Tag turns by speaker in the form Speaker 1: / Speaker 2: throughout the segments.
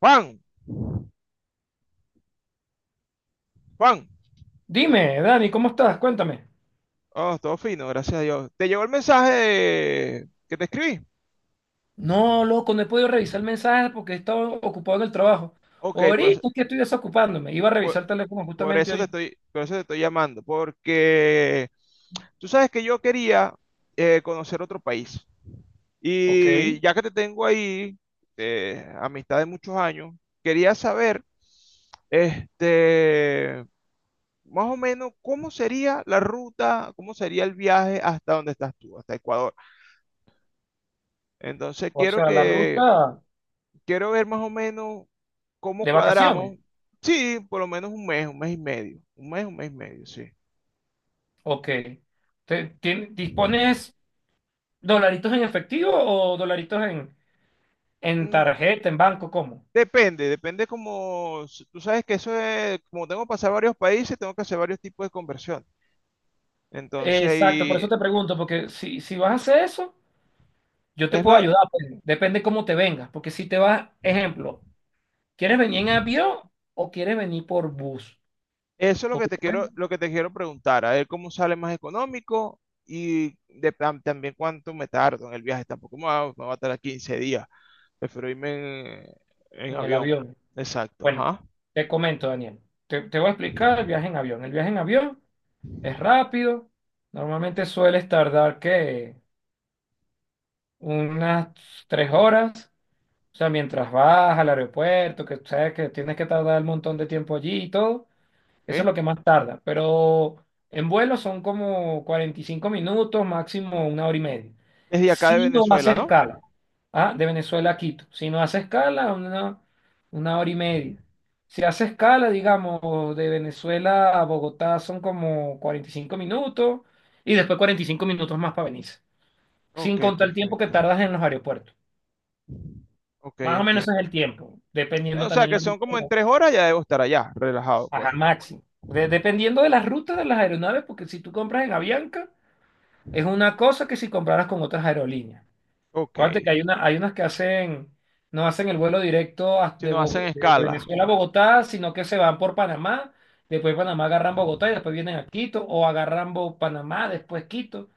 Speaker 1: Juan, Juan.
Speaker 2: Dime, Dani, ¿cómo estás? Cuéntame.
Speaker 1: Oh, todo fino, gracias a Dios. ¿Te llegó el mensaje que te escribí?
Speaker 2: No, loco, no he podido revisar mensajes porque he estado ocupado en el trabajo.
Speaker 1: Ok, por eso,
Speaker 2: Ahorita es que estoy desocupándome. Iba a
Speaker 1: por,
Speaker 2: revisar el teléfono justamente ahorita.
Speaker 1: por eso te estoy llamando, porque tú sabes que yo quería conocer otro país.
Speaker 2: Ok.
Speaker 1: Y ya que te tengo ahí, amistad de muchos años, quería saber, este, más o menos, cómo sería la ruta, cómo sería el viaje hasta donde estás tú, hasta Ecuador. Entonces
Speaker 2: O
Speaker 1: quiero
Speaker 2: sea, la
Speaker 1: que
Speaker 2: ruta
Speaker 1: Quiero ver más o menos cómo
Speaker 2: de vacaciones.
Speaker 1: cuadramos. Sí, por lo menos un mes y medio. Un mes y medio, sí.
Speaker 2: Ok. ¿Dispones dolaritos en efectivo o dolaritos en
Speaker 1: Mm,
Speaker 2: tarjeta, en banco? ¿Cómo?
Speaker 1: depende como, tú sabes que eso es, como tengo que pasar varios países, tengo que hacer varios tipos de conversión. Entonces,
Speaker 2: Exacto, por
Speaker 1: y
Speaker 2: eso te pregunto, porque si vas a hacer eso, yo te
Speaker 1: es
Speaker 2: puedo
Speaker 1: mejor-
Speaker 2: ayudar, pues, depende cómo te vengas, porque si te vas, ejemplo, ¿Quieres venir en avión o quieres venir por bus?
Speaker 1: eso es lo que
Speaker 2: Porque
Speaker 1: te
Speaker 2: pueden
Speaker 1: quiero, lo que te quiero preguntar, a ver cómo sale más económico y también cuánto me tardo en el viaje. Tampoco me va a tardar 15 días, prefiero irme en,
Speaker 2: en el
Speaker 1: avión.
Speaker 2: avión.
Speaker 1: Exacto,
Speaker 2: Bueno,
Speaker 1: ajá.
Speaker 2: te comento, Daniel. Te voy a explicar el viaje en avión. El viaje en avión es rápido. Normalmente sueles tardar que unas 3 horas. O sea, mientras vas al aeropuerto, que sabes que tienes que tardar un montón de tiempo allí y todo. Eso es
Speaker 1: Ok.
Speaker 2: lo que más tarda, pero en vuelo son como 45 minutos, máximo una hora y media.
Speaker 1: Es de acá de
Speaker 2: Si no hace
Speaker 1: Venezuela, ¿no?
Speaker 2: escala, ah, de Venezuela a Quito, si no hace escala, una hora y media. Si hace escala, digamos, de Venezuela a Bogotá son como 45 minutos y después 45 minutos más para Venice,
Speaker 1: Ok,
Speaker 2: sin contar el tiempo que
Speaker 1: perfecto.
Speaker 2: tardas en los aeropuertos.
Speaker 1: Ok,
Speaker 2: Más o menos ese es
Speaker 1: entiendo.
Speaker 2: el tiempo, dependiendo
Speaker 1: O sea
Speaker 2: también
Speaker 1: que
Speaker 2: la
Speaker 1: son como en
Speaker 2: ruta.
Speaker 1: 3 horas ya debo estar allá, relajado, pues.
Speaker 2: Ajá, máximo. Dependiendo de las rutas de las aeronaves, porque si tú compras en Avianca, es una cosa que si compraras con otras aerolíneas.
Speaker 1: Ok.
Speaker 2: Acuérdate que hay unas que hacen, no hacen el vuelo directo
Speaker 1: Si nos hacen
Speaker 2: De
Speaker 1: escala.
Speaker 2: Venezuela a Bogotá, sino que se van por Panamá, después Panamá agarran Bogotá y después vienen a Quito, o agarran Panamá, después Quito,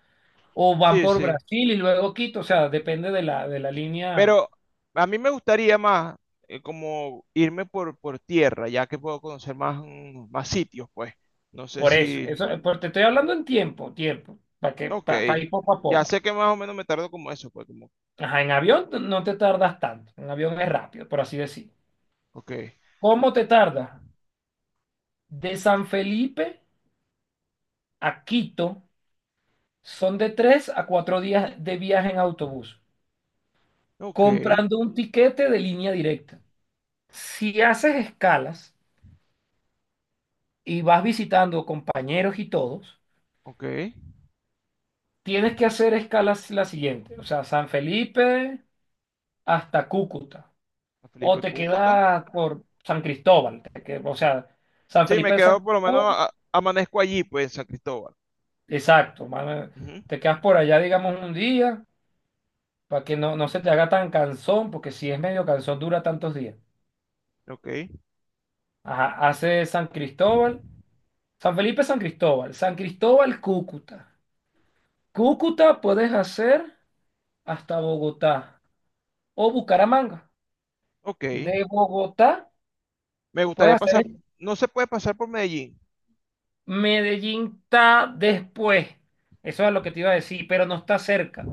Speaker 2: o van
Speaker 1: Sí,
Speaker 2: por
Speaker 1: sí.
Speaker 2: Brasil y luego Quito. O sea, depende de la línea.
Speaker 1: Pero a mí me gustaría más como irme por tierra, ya que puedo conocer más sitios, pues. No sé
Speaker 2: Por eso,
Speaker 1: si...
Speaker 2: pues te estoy hablando en tiempo, tiempo,
Speaker 1: Ok.
Speaker 2: para ir poco a
Speaker 1: Ya
Speaker 2: poco.
Speaker 1: sé que más o menos me tardo como eso, pues como...
Speaker 2: Ajá, en avión no te tardas tanto, en avión es rápido, por así decir.
Speaker 1: Ok.
Speaker 2: ¿Cómo te tardas? De San Felipe a Quito son de 3 a 4 días de viaje en autobús,
Speaker 1: Ok.
Speaker 2: comprando un tiquete de línea directa. Si haces escalas y vas visitando compañeros y todos,
Speaker 1: Ok.
Speaker 2: tienes que hacer escalas la siguiente, o sea, San Felipe hasta Cúcuta, o
Speaker 1: Felipe
Speaker 2: te
Speaker 1: Cúcuta.
Speaker 2: quedas por San Cristóbal, o sea, San
Speaker 1: Sí, me
Speaker 2: Felipe de San
Speaker 1: quedo por lo menos,
Speaker 2: Cristóbal.
Speaker 1: amanezco allí, pues, en San Cristóbal.
Speaker 2: Exacto, mano,
Speaker 1: Ujú.
Speaker 2: te quedas por allá, digamos, un día, para que no se te haga tan cansón, porque si es medio cansón, dura tantos días.
Speaker 1: Ok,
Speaker 2: Ajá, hace San Cristóbal, San Felipe, San Cristóbal, San Cristóbal, Cúcuta. Cúcuta puedes hacer hasta Bogotá o Bucaramanga.
Speaker 1: ok.
Speaker 2: De Bogotá
Speaker 1: Me gustaría
Speaker 2: puedes hacer.
Speaker 1: pasar, no se puede pasar por Medellín.
Speaker 2: Medellín está después. Eso es lo que te iba a decir, pero no está cerca.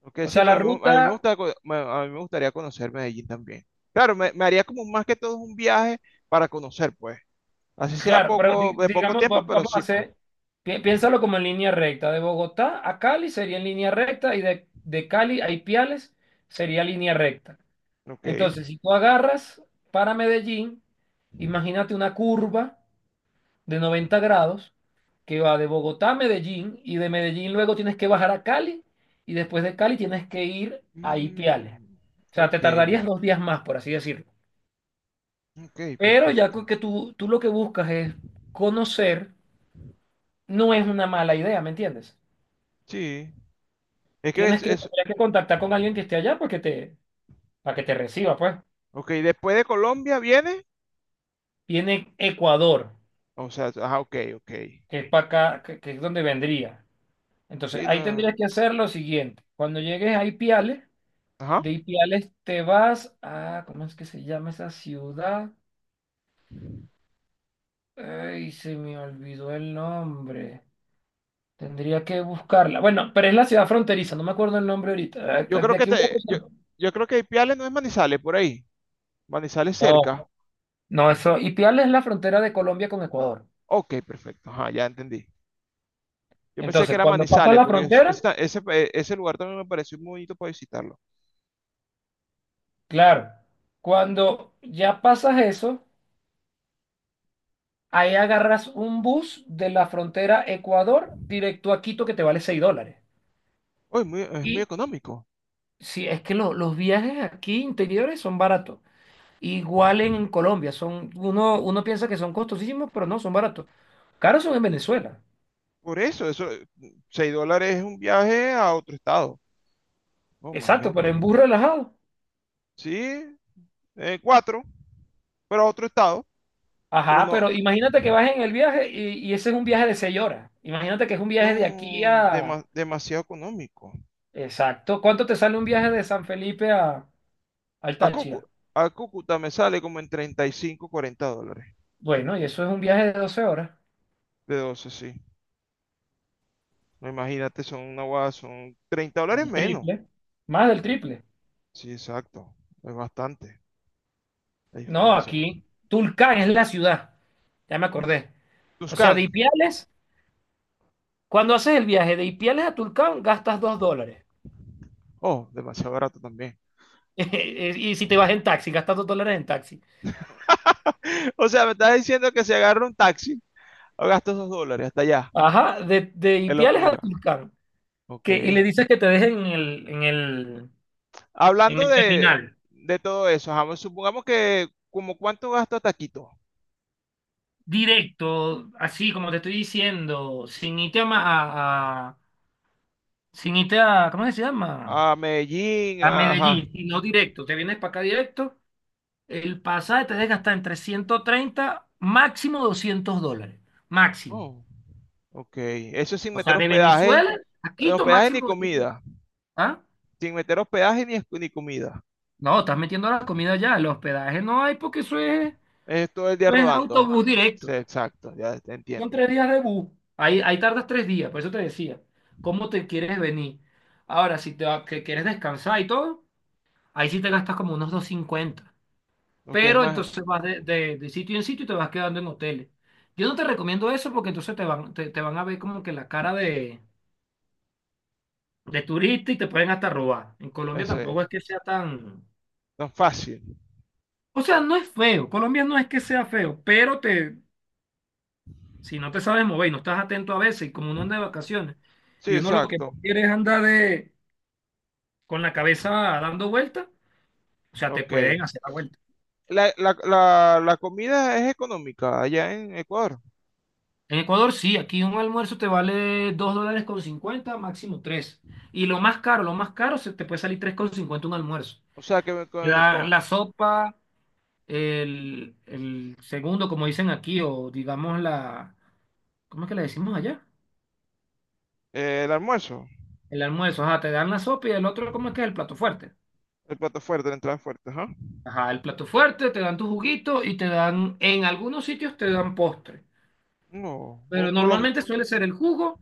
Speaker 1: Ok,
Speaker 2: O
Speaker 1: sí,
Speaker 2: sea,
Speaker 1: pero
Speaker 2: la
Speaker 1: a mí me
Speaker 2: ruta.
Speaker 1: gusta, a mí me gustaría conocer Medellín también. Claro, me haría como más que todo un viaje para conocer, pues. Así sea
Speaker 2: Claro, pero
Speaker 1: poco, de poco
Speaker 2: digamos,
Speaker 1: tiempo, pero
Speaker 2: vamos a
Speaker 1: sí, pues.
Speaker 2: hacer, piénsalo como en línea recta. De Bogotá a Cali sería en línea recta y de Cali a Ipiales sería línea recta.
Speaker 1: Ok.
Speaker 2: Entonces, si tú agarras para Medellín, imagínate una curva de 90 grados que va de Bogotá a Medellín y de Medellín luego tienes que bajar a Cali y después de Cali tienes que ir a Ipiales.
Speaker 1: Mm,
Speaker 2: O sea, te
Speaker 1: ok,
Speaker 2: tardarías 2 días más, por así decirlo.
Speaker 1: ok,
Speaker 2: Pero ya
Speaker 1: perfecto.
Speaker 2: que tú lo que buscas es conocer. No es una mala idea, ¿me entiendes?
Speaker 1: Sí, es que es, es,
Speaker 2: Tendrías que contactar con alguien que esté allá porque te, para que te reciba, pues.
Speaker 1: ok, después de Colombia viene,
Speaker 2: Viene Ecuador,
Speaker 1: o sea, ajá, ok, ok.
Speaker 2: que es para acá, que es donde vendría. Entonces,
Speaker 1: Sí,
Speaker 2: ahí tendrías
Speaker 1: no,
Speaker 2: que hacer lo siguiente. Cuando llegues a Ipiales,
Speaker 1: ajá.
Speaker 2: de Ipiales te vas a, ¿cómo es que se llama esa ciudad? Ay, se me olvidó el nombre. Tendría que buscarla. Bueno, pero es la ciudad fronteriza, no me acuerdo el nombre ahorita.
Speaker 1: Yo
Speaker 2: Ah,
Speaker 1: creo
Speaker 2: de
Speaker 1: que
Speaker 2: aquí a una
Speaker 1: te, yo,
Speaker 2: cosa-
Speaker 1: yo creo que Ipiales no es Manizales, por ahí. Manizales cerca.
Speaker 2: No, no, eso. Ipiales es la frontera de Colombia con Ecuador.
Speaker 1: Ok, perfecto. Ajá, ya entendí. Yo pensé que
Speaker 2: Entonces,
Speaker 1: era
Speaker 2: cuando pasas
Speaker 1: Manizales,
Speaker 2: la
Speaker 1: porque es-
Speaker 2: frontera,
Speaker 1: esa- ese, eh, ese lugar también me pareció muy bonito para visitarlo.
Speaker 2: claro, cuando ya pasas eso, ahí agarras un bus de la frontera Ecuador directo a Quito que te vale $6.
Speaker 1: Oh, es muy
Speaker 2: Y
Speaker 1: económico.
Speaker 2: si es que los viajes aquí interiores son baratos. Igual en Colombia, uno piensa que son costosísimos, pero no, son baratos. Caros son en Venezuela.
Speaker 1: Por eso, $6 es un viaje a otro estado. Oh my
Speaker 2: Exacto,
Speaker 1: God.
Speaker 2: pero en bus relajado.
Speaker 1: Sí, 4, pero a otro estado. Pero
Speaker 2: Ajá,
Speaker 1: no,
Speaker 2: pero imagínate que vas en el viaje y ese es un viaje de 6 horas. Imagínate que es un
Speaker 1: no,
Speaker 2: viaje de aquí a
Speaker 1: demasiado económico.
Speaker 2: Exacto. ¿Cuánto te sale un viaje de San Felipe a, al
Speaker 1: A
Speaker 2: Táchira?
Speaker 1: Cúcuta, a Cúcuta me sale como en 35, $40.
Speaker 2: Bueno, y eso es un viaje de 12 horas.
Speaker 1: De 12, sí. No, imagínate, son una guada, son $30
Speaker 2: El
Speaker 1: menos.
Speaker 2: triple. Más del triple.
Speaker 1: Sí, exacto. Es bastante la
Speaker 2: No,
Speaker 1: diferencia.
Speaker 2: aquí. Tulcán es la ciudad. Ya me acordé. O sea,
Speaker 1: Tuscan.
Speaker 2: de Ipiales, cuando haces el viaje de Ipiales a Tulcán, gastas $2.
Speaker 1: Oh, demasiado barato también.
Speaker 2: Y si te vas en taxi, gastas $2 en taxi.
Speaker 1: O sea, me estás diciendo que si agarro un taxi, o gasto esos dólares hasta allá.
Speaker 2: Ajá, de
Speaker 1: Qué
Speaker 2: Ipiales a
Speaker 1: locura.
Speaker 2: Tulcán.
Speaker 1: Ok.
Speaker 2: Que, y le dices que te dejen en el, en el, en
Speaker 1: Hablando
Speaker 2: el
Speaker 1: de,
Speaker 2: terminal.
Speaker 1: de todo eso, ajá, supongamos que como cuánto gasto hasta Quito.
Speaker 2: Directo, así como te estoy diciendo, sin irte a, ma- a- sin irte a, ¿cómo que se llama?
Speaker 1: A Medellín,
Speaker 2: A
Speaker 1: ajá.
Speaker 2: Medellín, no directo, te vienes para acá directo, el pasaje te deja hasta entre 130 máximo $200, máximo.
Speaker 1: Oh, ok. Eso sin
Speaker 2: O sea,
Speaker 1: meter
Speaker 2: de
Speaker 1: hospedaje.
Speaker 2: Venezuela a Quito,
Speaker 1: Hospedaje ni
Speaker 2: máximo 200
Speaker 1: comida.
Speaker 2: dólares. ¿Ah?
Speaker 1: Sin meter hospedaje ni, ni comida.
Speaker 2: No, estás metiendo la comida ya, el hospedaje no hay porque eso es,
Speaker 1: Es todo el día
Speaker 2: eso es
Speaker 1: rodando.
Speaker 2: autobús
Speaker 1: Sí,
Speaker 2: directo.
Speaker 1: exacto, ya te
Speaker 2: Son
Speaker 1: entiendo.
Speaker 2: 3 días de bus. Ahí tardas 3 días, por eso te decía. ¿Cómo te quieres venir? Ahora, si que quieres descansar y todo, ahí sí te gastas como unos 250.
Speaker 1: Ok, es
Speaker 2: Pero
Speaker 1: más,
Speaker 2: entonces vas de sitio en sitio y te vas quedando en hoteles. Yo no te recomiendo eso porque entonces te van a ver como que la cara de turista y te pueden hasta robar. En Colombia
Speaker 1: ese,
Speaker 2: tampoco es que sea tan...
Speaker 1: no es fácil.
Speaker 2: O sea, no es feo. Colombia no es que sea feo, pero te, si no te sabes mover y no estás atento a veces, y como uno anda de vacaciones,
Speaker 1: Sí,
Speaker 2: y uno lo que
Speaker 1: exacto.
Speaker 2: no quiere es andar de con la cabeza dando vuelta, o sea, te
Speaker 1: Ok.
Speaker 2: pueden hacer la vuelta.
Speaker 1: La comida es económica allá en Ecuador.
Speaker 2: En Ecuador sí, aquí un almuerzo te vale $2.50 máximo 3, y lo más caro, se te puede salir 3.50 un almuerzo.
Speaker 1: O sea, que
Speaker 2: La, la sopa, el segundo, como dicen aquí, o digamos la, ¿cómo es que le decimos allá?
Speaker 1: el almuerzo,
Speaker 2: El almuerzo, ajá, te dan la sopa y el otro, ¿cómo es que es el plato fuerte?
Speaker 1: el plato fuerte, la entrada fuerte, ajá.
Speaker 2: Ajá, el plato fuerte, te dan tu juguito y te dan, en algunos sitios te dan postre.
Speaker 1: No,
Speaker 2: Pero normalmente suele ser el jugo,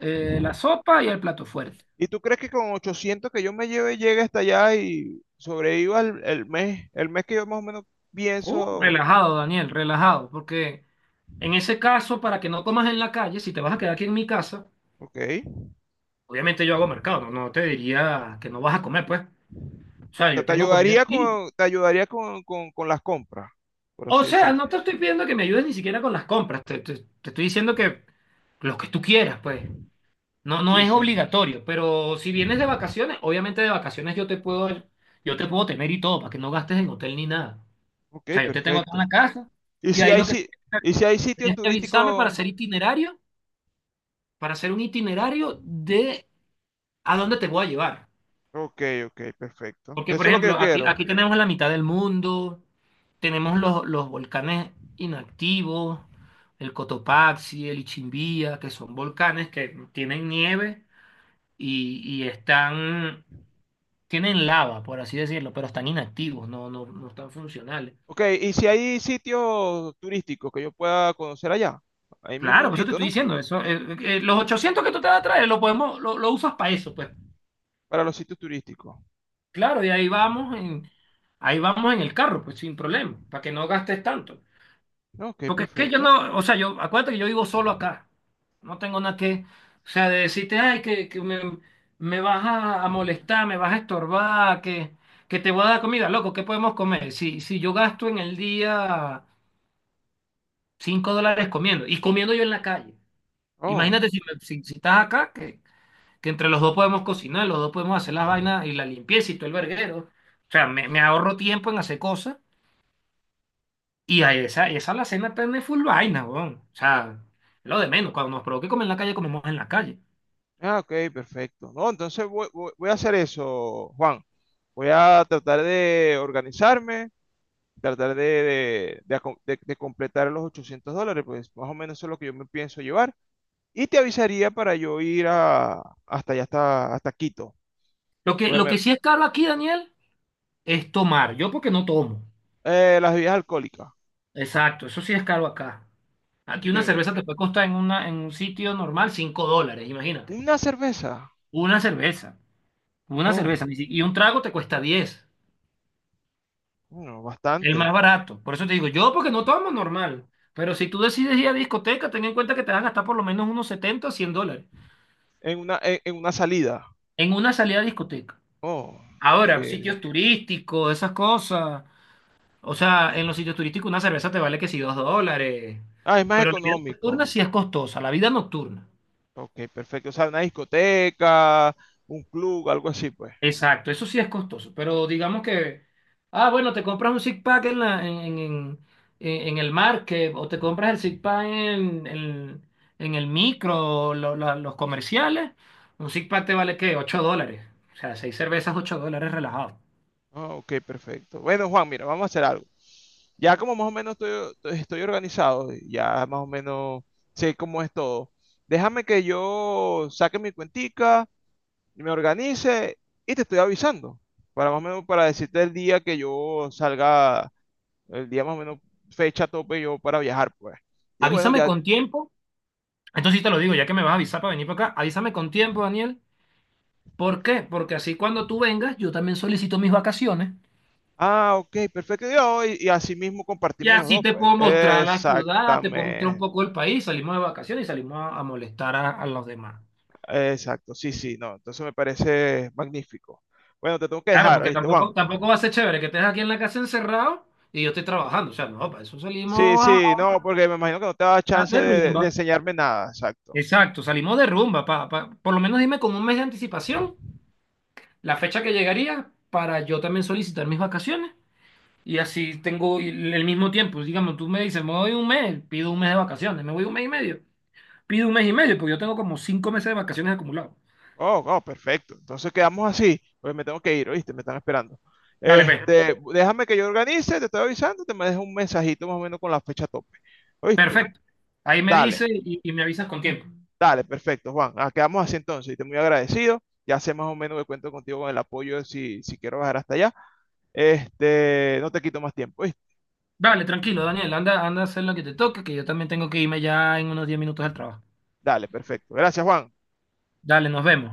Speaker 2: la sopa y el plato fuerte.
Speaker 1: ¿y tú crees que con 800 que yo me lleve llegue hasta allá y sobreviva el mes que yo más o menos
Speaker 2: Oh,
Speaker 1: pienso?
Speaker 2: relajado, Daniel, relajado, porque en ese caso, para que no comas en la calle, si te vas a quedar aquí en mi casa,
Speaker 1: Ok.
Speaker 2: obviamente yo hago mercado, no te diría que no vas a comer, pues. O
Speaker 1: O
Speaker 2: sea,
Speaker 1: sea,
Speaker 2: yo
Speaker 1: te
Speaker 2: tengo comida
Speaker 1: ayudaría
Speaker 2: aquí.
Speaker 1: con, te ayudaría con, con, con las compras, por
Speaker 2: O
Speaker 1: así
Speaker 2: sea,
Speaker 1: decir.
Speaker 2: no te estoy pidiendo que me ayudes ni siquiera con las compras, te estoy diciendo que lo que tú quieras, pues. No, no
Speaker 1: Sí,
Speaker 2: es
Speaker 1: sí.
Speaker 2: obligatorio, pero si vienes de vacaciones, obviamente de vacaciones yo te puedo tener y todo, para que no gastes en hotel ni nada.
Speaker 1: Ok,
Speaker 2: O sea, yo te tengo acá en la
Speaker 1: perfecto.
Speaker 2: casa
Speaker 1: Y
Speaker 2: y
Speaker 1: si
Speaker 2: ahí
Speaker 1: hay,
Speaker 2: lo que...
Speaker 1: si- y si hay sitios
Speaker 2: Tenías que avisarme
Speaker 1: turísticos,
Speaker 2: para hacer un itinerario de a dónde te voy a llevar.
Speaker 1: ok, ok, perfecto.
Speaker 2: Porque, por
Speaker 1: Eso es lo que yo
Speaker 2: ejemplo, aquí,
Speaker 1: quiero.
Speaker 2: aquí tenemos la mitad del mundo, tenemos los volcanes inactivos, el Cotopaxi, el Ichimbía, que son volcanes que tienen nieve y tienen lava, por así decirlo, pero están inactivos, no están funcionales.
Speaker 1: Ok, y si hay sitios turísticos que yo pueda conocer allá, ahí mismo
Speaker 2: Claro,
Speaker 1: en
Speaker 2: por eso te
Speaker 1: Quito,
Speaker 2: estoy
Speaker 1: ¿no?
Speaker 2: diciendo, los 800 que tú te vas a traer, lo usas para eso, pues.
Speaker 1: Para los sitios turísticos.
Speaker 2: Claro, y ahí vamos en el carro, pues sin problema, para que no gastes tanto.
Speaker 1: Ok,
Speaker 2: Porque es que yo
Speaker 1: perfecto.
Speaker 2: no, o sea, yo, acuérdate que yo vivo solo acá. No tengo nada que, o sea, de decirte, ay, que me, a molestar, me vas a estorbar, que te voy a dar comida, loco, ¿qué podemos comer? Si yo gasto en el día $5 comiendo, y comiendo yo en la calle.
Speaker 1: Oh,
Speaker 2: Imagínate si estás acá, que entre los dos podemos cocinar, los dos podemos hacer las vainas y la limpieza y todo el verguero. O sea, me ahorro tiempo en hacer cosas y a esa la cena tiene full vaina, weón. O sea, es lo de menos. Cuando nos provoque comer en la calle, comemos en la calle.
Speaker 1: ah, ok, perfecto. No, entonces voy, voy a hacer eso, Juan. Voy a tratar de organizarme, tratar de completar los $800, pues más o menos eso es lo que yo me pienso llevar. Y te avisaría para yo ir hasta allá, hasta Quito.
Speaker 2: Lo que,
Speaker 1: Porque
Speaker 2: lo
Speaker 1: me-
Speaker 2: que sí es caro aquí, Daniel, es tomar. Yo porque no tomo.
Speaker 1: las bebidas alcohólicas.
Speaker 2: Exacto, eso sí es caro acá. Aquí
Speaker 1: Ok,
Speaker 2: una cerveza te puede costar en un sitio normal $5, imagínate.
Speaker 1: una cerveza.
Speaker 2: Una cerveza. Una
Speaker 1: Oh,
Speaker 2: cerveza. Ni si- Y un trago te cuesta 10.
Speaker 1: bueno,
Speaker 2: El más
Speaker 1: bastante.
Speaker 2: barato. Por eso te digo, yo porque no tomo normal. Pero si tú decides ir a discoteca, ten en cuenta que te vas a gastar por lo menos unos $70 a $100
Speaker 1: En una salida.
Speaker 2: en una salida a discoteca.
Speaker 1: Oh,
Speaker 2: Ahora,
Speaker 1: sí.
Speaker 2: sitios turísticos, esas cosas. O sea, en los sitios turísticos una cerveza te vale que si $2.
Speaker 1: Ah, es más
Speaker 2: Pero la vida nocturna
Speaker 1: económico.
Speaker 2: sí es costosa, la vida nocturna.
Speaker 1: Ok, perfecto. O sea, una discoteca, un club, algo así, pues.
Speaker 2: Exacto, eso sí es costoso, pero digamos que, ah, bueno, te compras un six pack en la, en el market o te compras el six pack en el micro, los comerciales, un six pack te vale ¿qué? $8, o sea, seis cervezas, $8 relajado.
Speaker 1: Ah, ok, perfecto. Bueno, Juan, mira, vamos a hacer algo. Ya como más o menos estoy organizado, ya más o menos sé cómo es todo. Déjame que yo saque mi cuentica, me organice y te estoy avisando para más o menos, para decirte el día que yo salga, el día más o menos fecha tope yo para viajar, pues. Y bueno,
Speaker 2: Avísame
Speaker 1: ya,
Speaker 2: con tiempo, entonces sí te lo digo, ya que me vas a avisar para venir para acá, avísame con tiempo, Daniel. ¿Por qué? Porque así cuando tú vengas, yo también solicito mis vacaciones.
Speaker 1: ah, ok, perfecto, y así mismo
Speaker 2: Y
Speaker 1: compartimos los
Speaker 2: así
Speaker 1: dos,
Speaker 2: te
Speaker 1: pues.
Speaker 2: puedo mostrar la ciudad, te puedo mostrar un
Speaker 1: Exactamente,
Speaker 2: poco el país, salimos de vacaciones y salimos a molestar a los demás.
Speaker 1: exacto, sí, sí, no, entonces me parece magnífico. Bueno, te tengo que
Speaker 2: Claro,
Speaker 1: dejar,
Speaker 2: porque
Speaker 1: ¿oíste, Juan?
Speaker 2: tampoco, tampoco va a ser chévere que estés aquí en la casa encerrado y yo estoy trabajando. O sea, no, para eso
Speaker 1: Sí,
Speaker 2: salimos a,
Speaker 1: sí, no, porque me imagino que no te da chance
Speaker 2: de
Speaker 1: de,
Speaker 2: rumba.
Speaker 1: de enseñarme nada, exacto.
Speaker 2: Exacto, salimos de rumba. Por lo menos dime con un mes de anticipación la fecha que llegaría para yo también solicitar mis vacaciones. Y así tengo el mismo tiempo. Digamos, tú me dices, me voy un mes, pido un mes de vacaciones, me voy un mes y medio, pido un mes y medio, porque yo tengo como 5 meses de vacaciones acumulados.
Speaker 1: Oh, oh, perfecto. Entonces quedamos así. Pues me tengo que ir, ¿oíste? Me están esperando.
Speaker 2: Dale, pues.
Speaker 1: Este, déjame que yo organice, te estoy avisando, te me dejo un mensajito más o menos con la fecha tope. ¿Oíste?
Speaker 2: Perfecto. Ahí me dice
Speaker 1: Dale,
Speaker 2: y me avisas con tiempo.
Speaker 1: dale, perfecto, Juan. Ah, quedamos así entonces. Y te muy agradecido. Ya sé más o menos que cuento contigo con el apoyo si quiero bajar hasta allá. Este, no te quito más tiempo, ¿oíste?
Speaker 2: Dale, tranquilo, Daniel. Anda, anda a hacer lo que te toque, que yo también tengo que irme ya en unos 10 minutos al trabajo.
Speaker 1: Dale, perfecto. Gracias, Juan.
Speaker 2: Dale, nos vemos.